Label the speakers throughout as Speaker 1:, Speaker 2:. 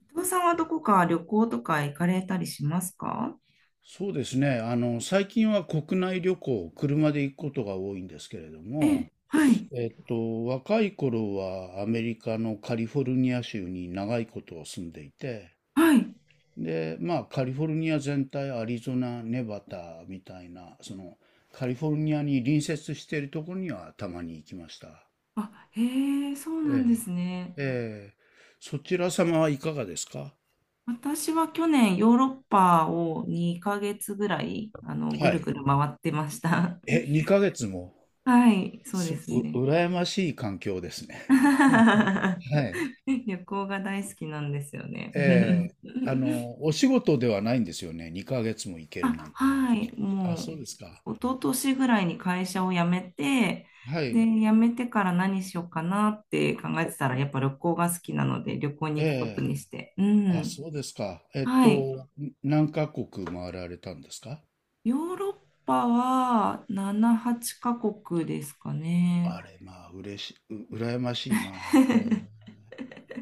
Speaker 1: 伊藤さんはどこか旅行とか行かれたりしますか？
Speaker 2: そうですね。最近は国内旅行、車で行くことが多いんですけれど
Speaker 1: ええ、
Speaker 2: も、
Speaker 1: はい、
Speaker 2: 若い頃はアメリカのカリフォルニア州に長いこと住んでいて、
Speaker 1: はい。
Speaker 2: で、まあ、カリフォルニア全体、アリゾナ、ネバダみたいな、カリフォルニアに隣接しているところにはたまに行きました。
Speaker 1: あ、へえ、そうな
Speaker 2: え
Speaker 1: んで
Speaker 2: え。
Speaker 1: すね。
Speaker 2: ええ、そちら様はいかがですか？
Speaker 1: 私は去年ヨーロッパを2ヶ月ぐらい、
Speaker 2: は
Speaker 1: ぐる
Speaker 2: い。
Speaker 1: ぐる回ってました。
Speaker 2: 2ヶ月も、
Speaker 1: はい、そうですね。
Speaker 2: 羨ましい環境ですね。はい。
Speaker 1: 旅行が大好きなんですよね。
Speaker 2: ええ、お仕事ではないんですよね。2ヶ月も行けるな
Speaker 1: あ、
Speaker 2: んて。
Speaker 1: はい、も
Speaker 2: あ、そうですか。
Speaker 1: う、一昨年ぐらいに会社を辞めて、
Speaker 2: は
Speaker 1: で、
Speaker 2: い。
Speaker 1: 辞めてから何しようかなって考えてたら、やっぱ旅行が好きなので、旅行に行くこと
Speaker 2: え
Speaker 1: にして。う
Speaker 2: え。あ、
Speaker 1: ん。
Speaker 2: そうですか。
Speaker 1: はい。
Speaker 2: 何カ国回られたんですか？
Speaker 1: ヨーロッパは7、8カ国ですかね。
Speaker 2: あれ、まあ、嬉し、う、羨ましいな。え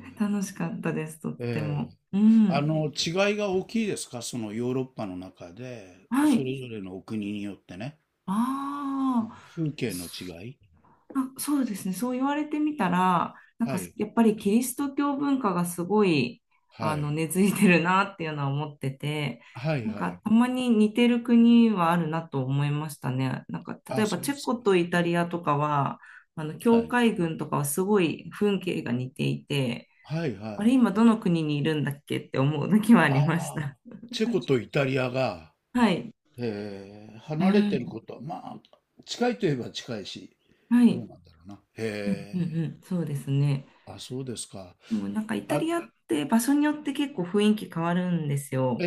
Speaker 2: え。
Speaker 1: 楽しかったです、とって
Speaker 2: え
Speaker 1: も。
Speaker 2: え
Speaker 1: うん。
Speaker 2: 違いが大きいですか？そのヨーロッパの中で、
Speaker 1: は
Speaker 2: そ
Speaker 1: い。
Speaker 2: れぞれのお国によってね。
Speaker 1: ああ。
Speaker 2: 風景の違い。
Speaker 1: あ、そうですね。そう言われてみたら、なん
Speaker 2: は
Speaker 1: か
Speaker 2: い。
Speaker 1: やっぱりキリスト教文化がすごい、
Speaker 2: はい。
Speaker 1: 根付いてるなっていうのは思ってて、
Speaker 2: はい、
Speaker 1: なん
Speaker 2: はい。
Speaker 1: かたまに似てる国はあるなと思いましたね。なんか例
Speaker 2: あ、
Speaker 1: えば
Speaker 2: そう
Speaker 1: チ
Speaker 2: で
Speaker 1: ェ
Speaker 2: す
Speaker 1: コ
Speaker 2: か。
Speaker 1: とイタリアとかは、
Speaker 2: は
Speaker 1: 教
Speaker 2: い。
Speaker 1: 会軍とかはすごい風景が似ていて、
Speaker 2: はい、は
Speaker 1: あれ、
Speaker 2: い。
Speaker 1: 今どの国にいるんだっけって思う時はあ
Speaker 2: あ
Speaker 1: りまし
Speaker 2: あ、
Speaker 1: た。
Speaker 2: チェコとイタリアが、
Speaker 1: はい。う
Speaker 2: 離れ
Speaker 1: ん。
Speaker 2: てることは、まあ、近いといえば近いし、
Speaker 1: は
Speaker 2: どう
Speaker 1: い。
Speaker 2: なんだろうな。
Speaker 1: うん
Speaker 2: へ
Speaker 1: うん
Speaker 2: え、
Speaker 1: うん。そうですね。
Speaker 2: あ、そうですか。
Speaker 1: もうなんかイタ
Speaker 2: あ、
Speaker 1: リアって場所によって結構雰囲気変わるんです
Speaker 2: え
Speaker 1: よ。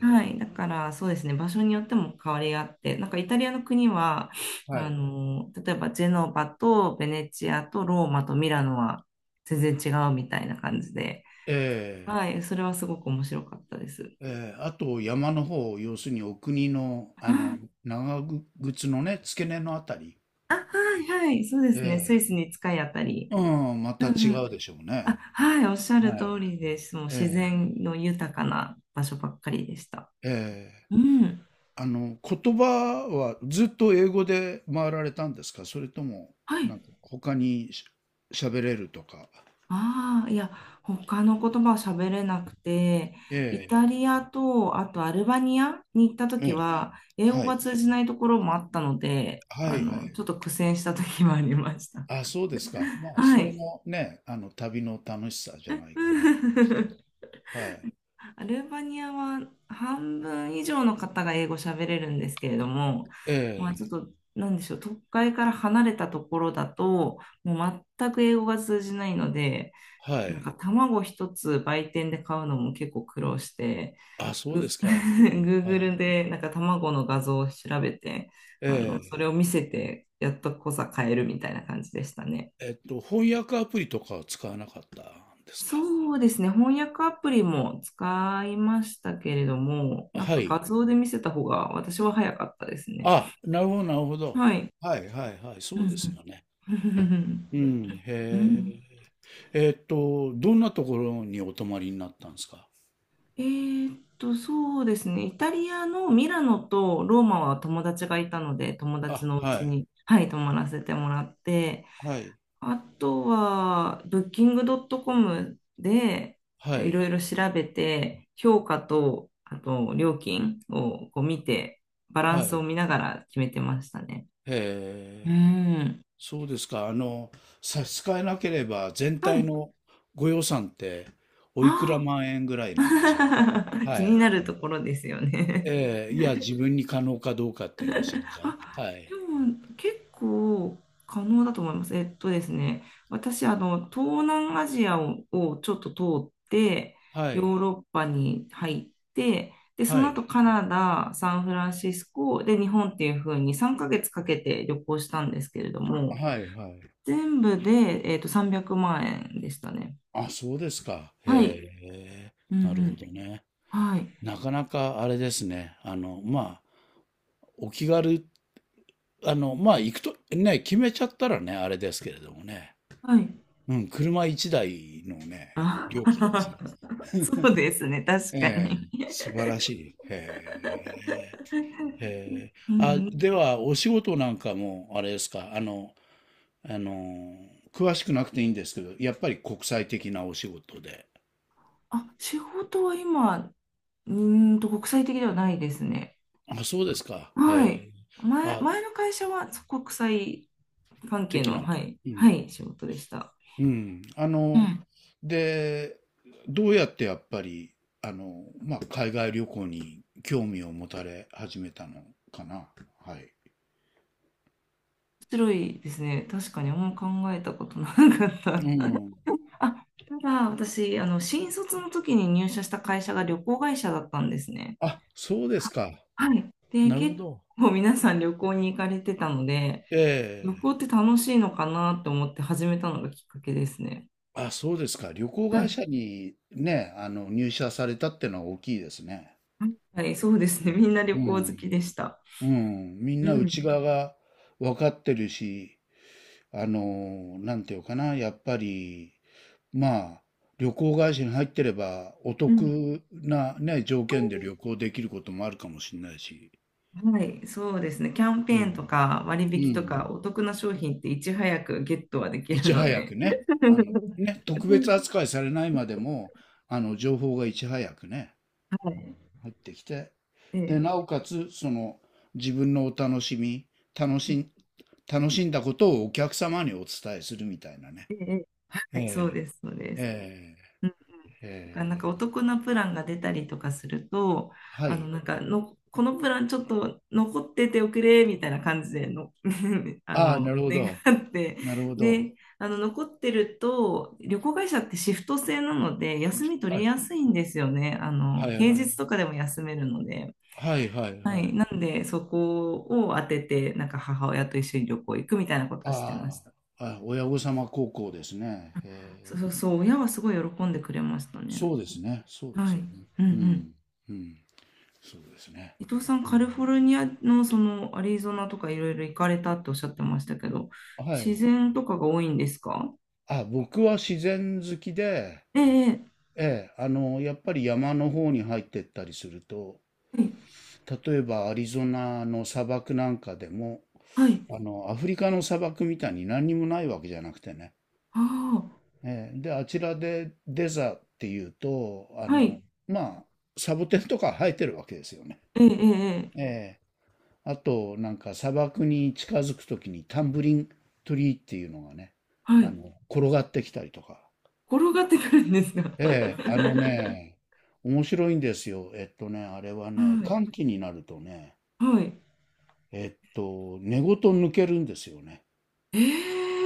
Speaker 1: はい。だからそうですね、場所によっても変わりあって、なんかイタリアの国は、
Speaker 2: はい。
Speaker 1: 例えばジェノバとベネチアとローマとミラノは全然違うみたいな感じで、
Speaker 2: え
Speaker 1: はい。それはすごく面白かったです。
Speaker 2: え、ええ、あと山の方、要するにお国の、長靴のね、付け根のあたり。
Speaker 1: あ、あはいはい。そうですね、ス
Speaker 2: え
Speaker 1: イスに近いあたり。
Speaker 2: え、うん、ま
Speaker 1: う
Speaker 2: た
Speaker 1: んう
Speaker 2: 違
Speaker 1: ん。
Speaker 2: うでしょうね。
Speaker 1: あ、はい。おっしゃる
Speaker 2: は
Speaker 1: 通
Speaker 2: い。
Speaker 1: りです。もう自
Speaker 2: え
Speaker 1: 然の豊かな場所ばっかりでした。
Speaker 2: え、ええ。
Speaker 1: うん。
Speaker 2: 言葉はずっと英語で回られたんですか？それとも、
Speaker 1: はい。
Speaker 2: なんか他に喋れるとか。
Speaker 1: ああ、いや、他の言葉を喋れなくて、イ
Speaker 2: え
Speaker 1: タリアと、あとアルバニアに行った
Speaker 2: え、え
Speaker 1: 時
Speaker 2: え、
Speaker 1: は、英語
Speaker 2: は
Speaker 1: が
Speaker 2: い。
Speaker 1: 通じないところもあったので、
Speaker 2: はいはい。
Speaker 1: ちょっと苦戦した時もありました。
Speaker 2: あ、そうですか。まあ、
Speaker 1: は
Speaker 2: それ
Speaker 1: い。
Speaker 2: もね、旅の楽しさじゃないかなと思うんですけ ど。はい。
Speaker 1: アルバニアは半分以上の方が英語喋れるんですけれども、
Speaker 2: え
Speaker 1: ま
Speaker 2: え、
Speaker 1: あ、ちょっと、なんでしょう、都会から離れたところだと、もう全く英語が通じないので、
Speaker 2: は
Speaker 1: なん
Speaker 2: い。
Speaker 1: か卵一つ売店で買うのも結構苦労して、
Speaker 2: あ、そうです か。はい。
Speaker 1: Google でなんか卵の画像を調べて、それ
Speaker 2: え
Speaker 1: を見せて、やっとこさ買えるみたいな感じでしたね。
Speaker 2: え、翻訳アプリとかは使わなかったんですか？
Speaker 1: そうですね。翻訳アプリも使いましたけれども、なん
Speaker 2: は
Speaker 1: か画
Speaker 2: い。
Speaker 1: 像で見せた方が私は早かったですね。
Speaker 2: あ、なるほどなるほど。
Speaker 1: はい。
Speaker 2: はいはいはい、
Speaker 1: う
Speaker 2: そうです
Speaker 1: ん
Speaker 2: よね。
Speaker 1: うん。
Speaker 2: うん、
Speaker 1: う
Speaker 2: へえ。
Speaker 1: ん。
Speaker 2: どんなところにお泊まりになったんですか？
Speaker 1: そうですね。イタリアのミラノとローマは友達がいたので、友達
Speaker 2: あ、
Speaker 1: のう
Speaker 2: は
Speaker 1: ち
Speaker 2: い、
Speaker 1: に、はい、泊まらせてもらって、
Speaker 2: はい、
Speaker 1: あとは、ブッキングドットコムで
Speaker 2: は
Speaker 1: いろ
Speaker 2: い、
Speaker 1: いろ調べて、評価と、あと料金をこう見て、バラン
Speaker 2: は
Speaker 1: スを
Speaker 2: い。
Speaker 1: 見ながら決めてましたね。
Speaker 2: へ
Speaker 1: う
Speaker 2: え、
Speaker 1: ん。
Speaker 2: そうですか。差し支えなければ、全
Speaker 1: は
Speaker 2: 体
Speaker 1: い。
Speaker 2: のご予算って、おいくら
Speaker 1: あ
Speaker 2: 万円ぐらいなんでしょ
Speaker 1: あ。
Speaker 2: う？ は
Speaker 1: 気に
Speaker 2: い。
Speaker 1: なるところですよね。
Speaker 2: ええ、いや、自分に可能かどうかっていうのを知りたい。は
Speaker 1: で
Speaker 2: い、
Speaker 1: も結構可能だと思います。えっとですね、私、東南アジアを、をちょっと通って、
Speaker 2: は
Speaker 1: ヨ
Speaker 2: い、
Speaker 1: ーロッパに入って、で、そ
Speaker 2: は
Speaker 1: の後
Speaker 2: い、
Speaker 1: カナダ、サンフランシスコ、で、日本っていう風に3ヶ月かけて旅行したんですけれども、
Speaker 2: はい、はい。
Speaker 1: 全部で、300万円でしたね。
Speaker 2: あ、そうですか。
Speaker 1: はい。
Speaker 2: へえ、
Speaker 1: うんう
Speaker 2: なるほ
Speaker 1: ん。
Speaker 2: どね。
Speaker 1: はい。
Speaker 2: なかなかあれですね。まあ、お気軽、まあ、行くと、ね、決めちゃったらね、あれですけれどもね。
Speaker 1: はい。
Speaker 2: うん、車1台のね、料金です
Speaker 1: あ、
Speaker 2: ね。
Speaker 1: そうですね、確か
Speaker 2: ええ、
Speaker 1: に。
Speaker 2: 素晴らしい。へえ、へえ。
Speaker 1: う
Speaker 2: あ、
Speaker 1: ん、
Speaker 2: では、お仕事なんかも、あれですか、あの、詳しくなくていいんですけど、やっぱり国際的なお仕事で。
Speaker 1: あ、仕事は今、国際的ではないですね。
Speaker 2: あ、そうですか。へ
Speaker 1: はい。
Speaker 2: え。あ、
Speaker 1: 前の会社はそう国際関係
Speaker 2: 的
Speaker 1: の、
Speaker 2: な。
Speaker 1: はい、
Speaker 2: うん。
Speaker 1: はい、仕事でした。
Speaker 2: うん。
Speaker 1: うん。面
Speaker 2: で、どうやってやっぱり、まあ、海外旅行に興味を持たれ始めたのかな。は
Speaker 1: 白いですね。確かにあんま考えたことなかっ
Speaker 2: い。う
Speaker 1: た。
Speaker 2: ん。
Speaker 1: あ、ただ私、新卒の時に入社した会社が旅行会社だったんですね。
Speaker 2: あ、そうで
Speaker 1: は、
Speaker 2: すか。
Speaker 1: はい。で、
Speaker 2: なるほ
Speaker 1: 結
Speaker 2: ど。
Speaker 1: 構皆さん旅行に行かれてたので、
Speaker 2: え
Speaker 1: 旅
Speaker 2: え。
Speaker 1: 行って楽しいのかなって思って始めたのがきっかけですね。
Speaker 2: あ、そうですか。旅行
Speaker 1: は
Speaker 2: 会
Speaker 1: い。
Speaker 2: 社にね、入社されたってのは大きいですね。
Speaker 1: はい、そうですね。みんな旅
Speaker 2: う
Speaker 1: 行好
Speaker 2: ん。
Speaker 1: きでした。
Speaker 2: うん。みん
Speaker 1: う
Speaker 2: な内
Speaker 1: ん、
Speaker 2: 側が分かってるし、なんていうかな。やっぱり、まあ、旅行会社に入ってれば、お
Speaker 1: うん、
Speaker 2: 得なね、条件で旅行できることもあるかもしれないし、
Speaker 1: はい、そうですね。キャンペ
Speaker 2: う
Speaker 1: ー
Speaker 2: ん。
Speaker 1: ンとか割
Speaker 2: う
Speaker 1: 引と
Speaker 2: ん。
Speaker 1: かお得な商品っていち早くゲットはでき
Speaker 2: い
Speaker 1: る
Speaker 2: ち
Speaker 1: の
Speaker 2: 早
Speaker 1: で。
Speaker 2: くね、ね、特別扱いされないまでも、情報がいち早くね、
Speaker 1: は
Speaker 2: あの
Speaker 1: い。
Speaker 2: 入ってきて、で、
Speaker 1: え
Speaker 2: な
Speaker 1: え
Speaker 2: おかつ、その、自分のお楽しみ、楽しん、
Speaker 1: え
Speaker 2: 楽しんだことをお客様にお伝えするみたいなね。
Speaker 1: えええ、
Speaker 2: え
Speaker 1: はい、そう
Speaker 2: え。
Speaker 1: です、そうです。
Speaker 2: ええ、
Speaker 1: なん
Speaker 2: え
Speaker 1: か
Speaker 2: え、
Speaker 1: お得なプランが出たりとかすると、
Speaker 2: は
Speaker 1: あの
Speaker 2: い。
Speaker 1: なんかのこのプラン、ちょっと残ってておくれみたいな感じでの あ
Speaker 2: ああ、
Speaker 1: の
Speaker 2: なるほ
Speaker 1: 願
Speaker 2: ど。
Speaker 1: って、
Speaker 2: なるほど。
Speaker 1: で、あの残ってると旅行会社ってシフト制なので休み取
Speaker 2: は
Speaker 1: り
Speaker 2: い。
Speaker 1: やすいんですよね。あ
Speaker 2: は
Speaker 1: の平
Speaker 2: い、
Speaker 1: 日とかでも休めるので、
Speaker 2: はいはい
Speaker 1: は
Speaker 2: は
Speaker 1: い、
Speaker 2: い。
Speaker 1: なんでそこを当ててなんか母親と一緒に旅行行くみたいなことはしてまし
Speaker 2: あ
Speaker 1: た。
Speaker 2: あ、あ親御様高校ですね。へ
Speaker 1: そうそう
Speaker 2: え、
Speaker 1: そう、親はすごい喜んでくれましたね。
Speaker 2: そうですね。そうで
Speaker 1: はい。
Speaker 2: すよね。
Speaker 1: うんう
Speaker 2: う
Speaker 1: ん。
Speaker 2: ん。うん。そうですね。
Speaker 1: 伊藤さん、
Speaker 2: う
Speaker 1: カ
Speaker 2: ん、
Speaker 1: リフォルニアのそのアリゾナとかいろいろ行かれたっておっしゃってましたけど、
Speaker 2: は
Speaker 1: 自
Speaker 2: い。
Speaker 1: 然とかが多いんですか？
Speaker 2: あ、僕は自然好きで、
Speaker 1: ええ、
Speaker 2: ええ、やっぱり山の方に入ってったりすると、
Speaker 1: ええ、
Speaker 2: 例えばアリゾナの砂漠なんかでも、
Speaker 1: はい、はい、
Speaker 2: アフリカの砂漠みたいに何にもないわけじゃなくてね、
Speaker 1: あ
Speaker 2: で、あちらでデザっていうと、
Speaker 1: あ、はい、
Speaker 2: まあ、サボテンとか生えてるわけですよね。
Speaker 1: ええ、ええ、ええ、
Speaker 2: えーあと、なんか砂漠に近づくときにタンブリントリーっていうのがね、
Speaker 1: はい、
Speaker 2: 転がってきたりとか。
Speaker 1: 転がってくるんですが。
Speaker 2: ええあのね、面白いんですよ。あれは
Speaker 1: は
Speaker 2: ね、
Speaker 1: い、
Speaker 2: 寒気になるとね、
Speaker 1: はい。
Speaker 2: 根ごと抜けるんですよね。
Speaker 1: え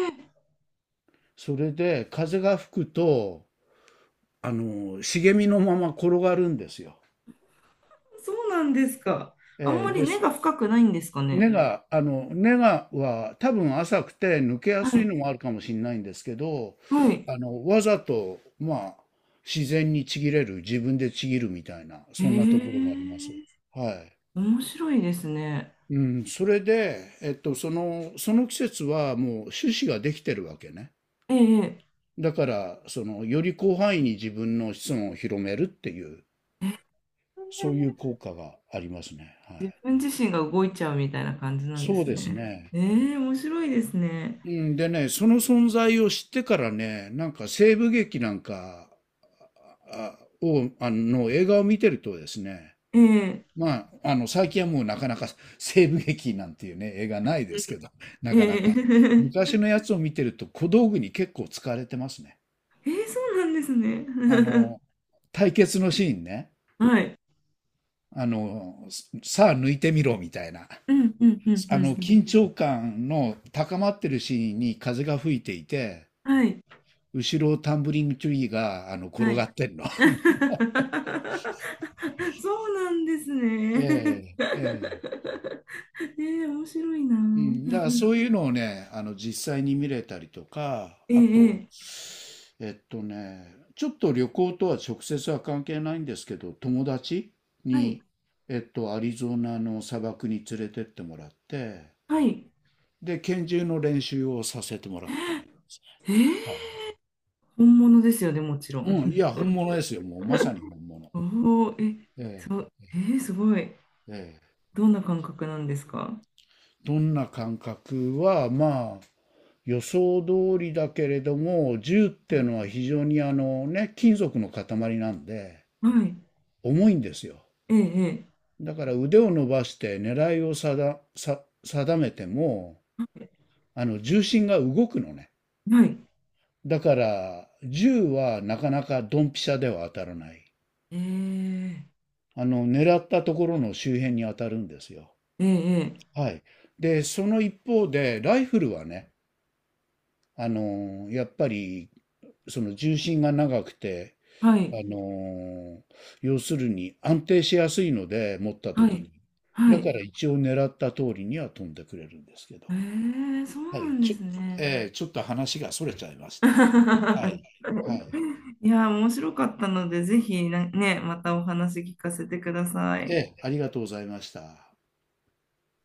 Speaker 1: え、
Speaker 2: それで風が吹くと、茂みのまま転がるんですよ。
Speaker 1: そうなんですか。あん
Speaker 2: ええ
Speaker 1: まり
Speaker 2: で、
Speaker 1: 根が深くないんですかね。
Speaker 2: 根がは多分浅くて抜けや
Speaker 1: は
Speaker 2: すい
Speaker 1: い、
Speaker 2: のもあるかもしれないんですけど、
Speaker 1: はい。
Speaker 2: わざと、まあ、自然にちぎれる、自分でちぎるみたいな、
Speaker 1: え
Speaker 2: そんなところがあります。
Speaker 1: え、
Speaker 2: は
Speaker 1: 面白いですね。
Speaker 2: い。うん、それで、その、季節はもう種子ができてるわけね。
Speaker 1: ええ、え
Speaker 2: だから、より広範囲に自分の子孫を広めるっていう、そうい
Speaker 1: え、
Speaker 2: う効果がありますね。は
Speaker 1: 自
Speaker 2: い。
Speaker 1: 分自身が動いちゃうみたいな感じなんで
Speaker 2: そう
Speaker 1: す
Speaker 2: です
Speaker 1: ね。
Speaker 2: ね。
Speaker 1: ええ、面白いですね。
Speaker 2: うんでね、その存在を知ってからね、なんか西部劇なんかあの映画を見てるとですね、
Speaker 1: ええ
Speaker 2: まあ、最近はもうなかなか 西部劇なんていうね、映画ないですけど、なかなか。
Speaker 1: ええ
Speaker 2: 昔のやつを見てると小道具に結構使われてますね。
Speaker 1: ええ、そうなんですね。
Speaker 2: あの、対決のシーンね。
Speaker 1: はい。
Speaker 2: あの、さあ抜いてみろみたいな。
Speaker 1: うんうんうんうん。
Speaker 2: 緊張感の高まってるシーンに風が吹いていて、
Speaker 1: はい。
Speaker 2: 後ろタンブリングトゥリーが
Speaker 1: は
Speaker 2: 転が
Speaker 1: い。
Speaker 2: ってんの。
Speaker 1: そうなんですね。
Speaker 2: ええええ
Speaker 1: ええ面白いな。
Speaker 2: うんだからそういうのをね、実際に見れたりとか、
Speaker 1: え
Speaker 2: あと、
Speaker 1: えええ
Speaker 2: ちょっと旅行とは直接は関係ないんですけど、友達
Speaker 1: は
Speaker 2: に、
Speaker 1: い。
Speaker 2: アリゾナの砂漠に連れてってもらって、
Speaker 1: はい。
Speaker 2: で、拳銃の練習をさせてもらった。
Speaker 1: え
Speaker 2: はい。
Speaker 1: え、本物ですよね、もちろん。
Speaker 2: うん、い や、本物ですよ、もう、まさに本物。
Speaker 1: おお、え、
Speaker 2: え
Speaker 1: そ
Speaker 2: え、
Speaker 1: う、ええ、すごい。
Speaker 2: ええ。
Speaker 1: どんな感覚なんですか？
Speaker 2: どんな感覚は、まあ、予想通りだけれども、銃っていうのは非常にあのね、金属の塊なんで、
Speaker 1: はい。
Speaker 2: 重いんですよ。
Speaker 1: ええ、ええ、
Speaker 2: だから腕を伸ばして狙いを定めても、
Speaker 1: はい。
Speaker 2: 重心が動くのね。
Speaker 1: はい、
Speaker 2: だから、銃はなかなかドンピシャでは当たらない。
Speaker 1: ええ、
Speaker 2: 狙ったところの周辺に当たるんですよ。
Speaker 1: ええ、ええ、
Speaker 2: はい。で、その一方で、ライフルはね、やっぱり、その重心が長くて、
Speaker 1: は
Speaker 2: あ
Speaker 1: い、
Speaker 2: のー要するに安定しやすいので、持った
Speaker 1: は
Speaker 2: 時に。
Speaker 1: い、は
Speaker 2: だか
Speaker 1: い。
Speaker 2: ら一応狙った通りには飛んでくれるんですけど。
Speaker 1: ええ、そう
Speaker 2: は
Speaker 1: な
Speaker 2: い。
Speaker 1: んですね。
Speaker 2: ちょっと話が逸れちゃいましたが。はい。はい。
Speaker 1: いや、面白かったので、ぜひなね、またお話聞かせてくださ
Speaker 2: え
Speaker 1: い。
Speaker 2: え、ありがとうございました。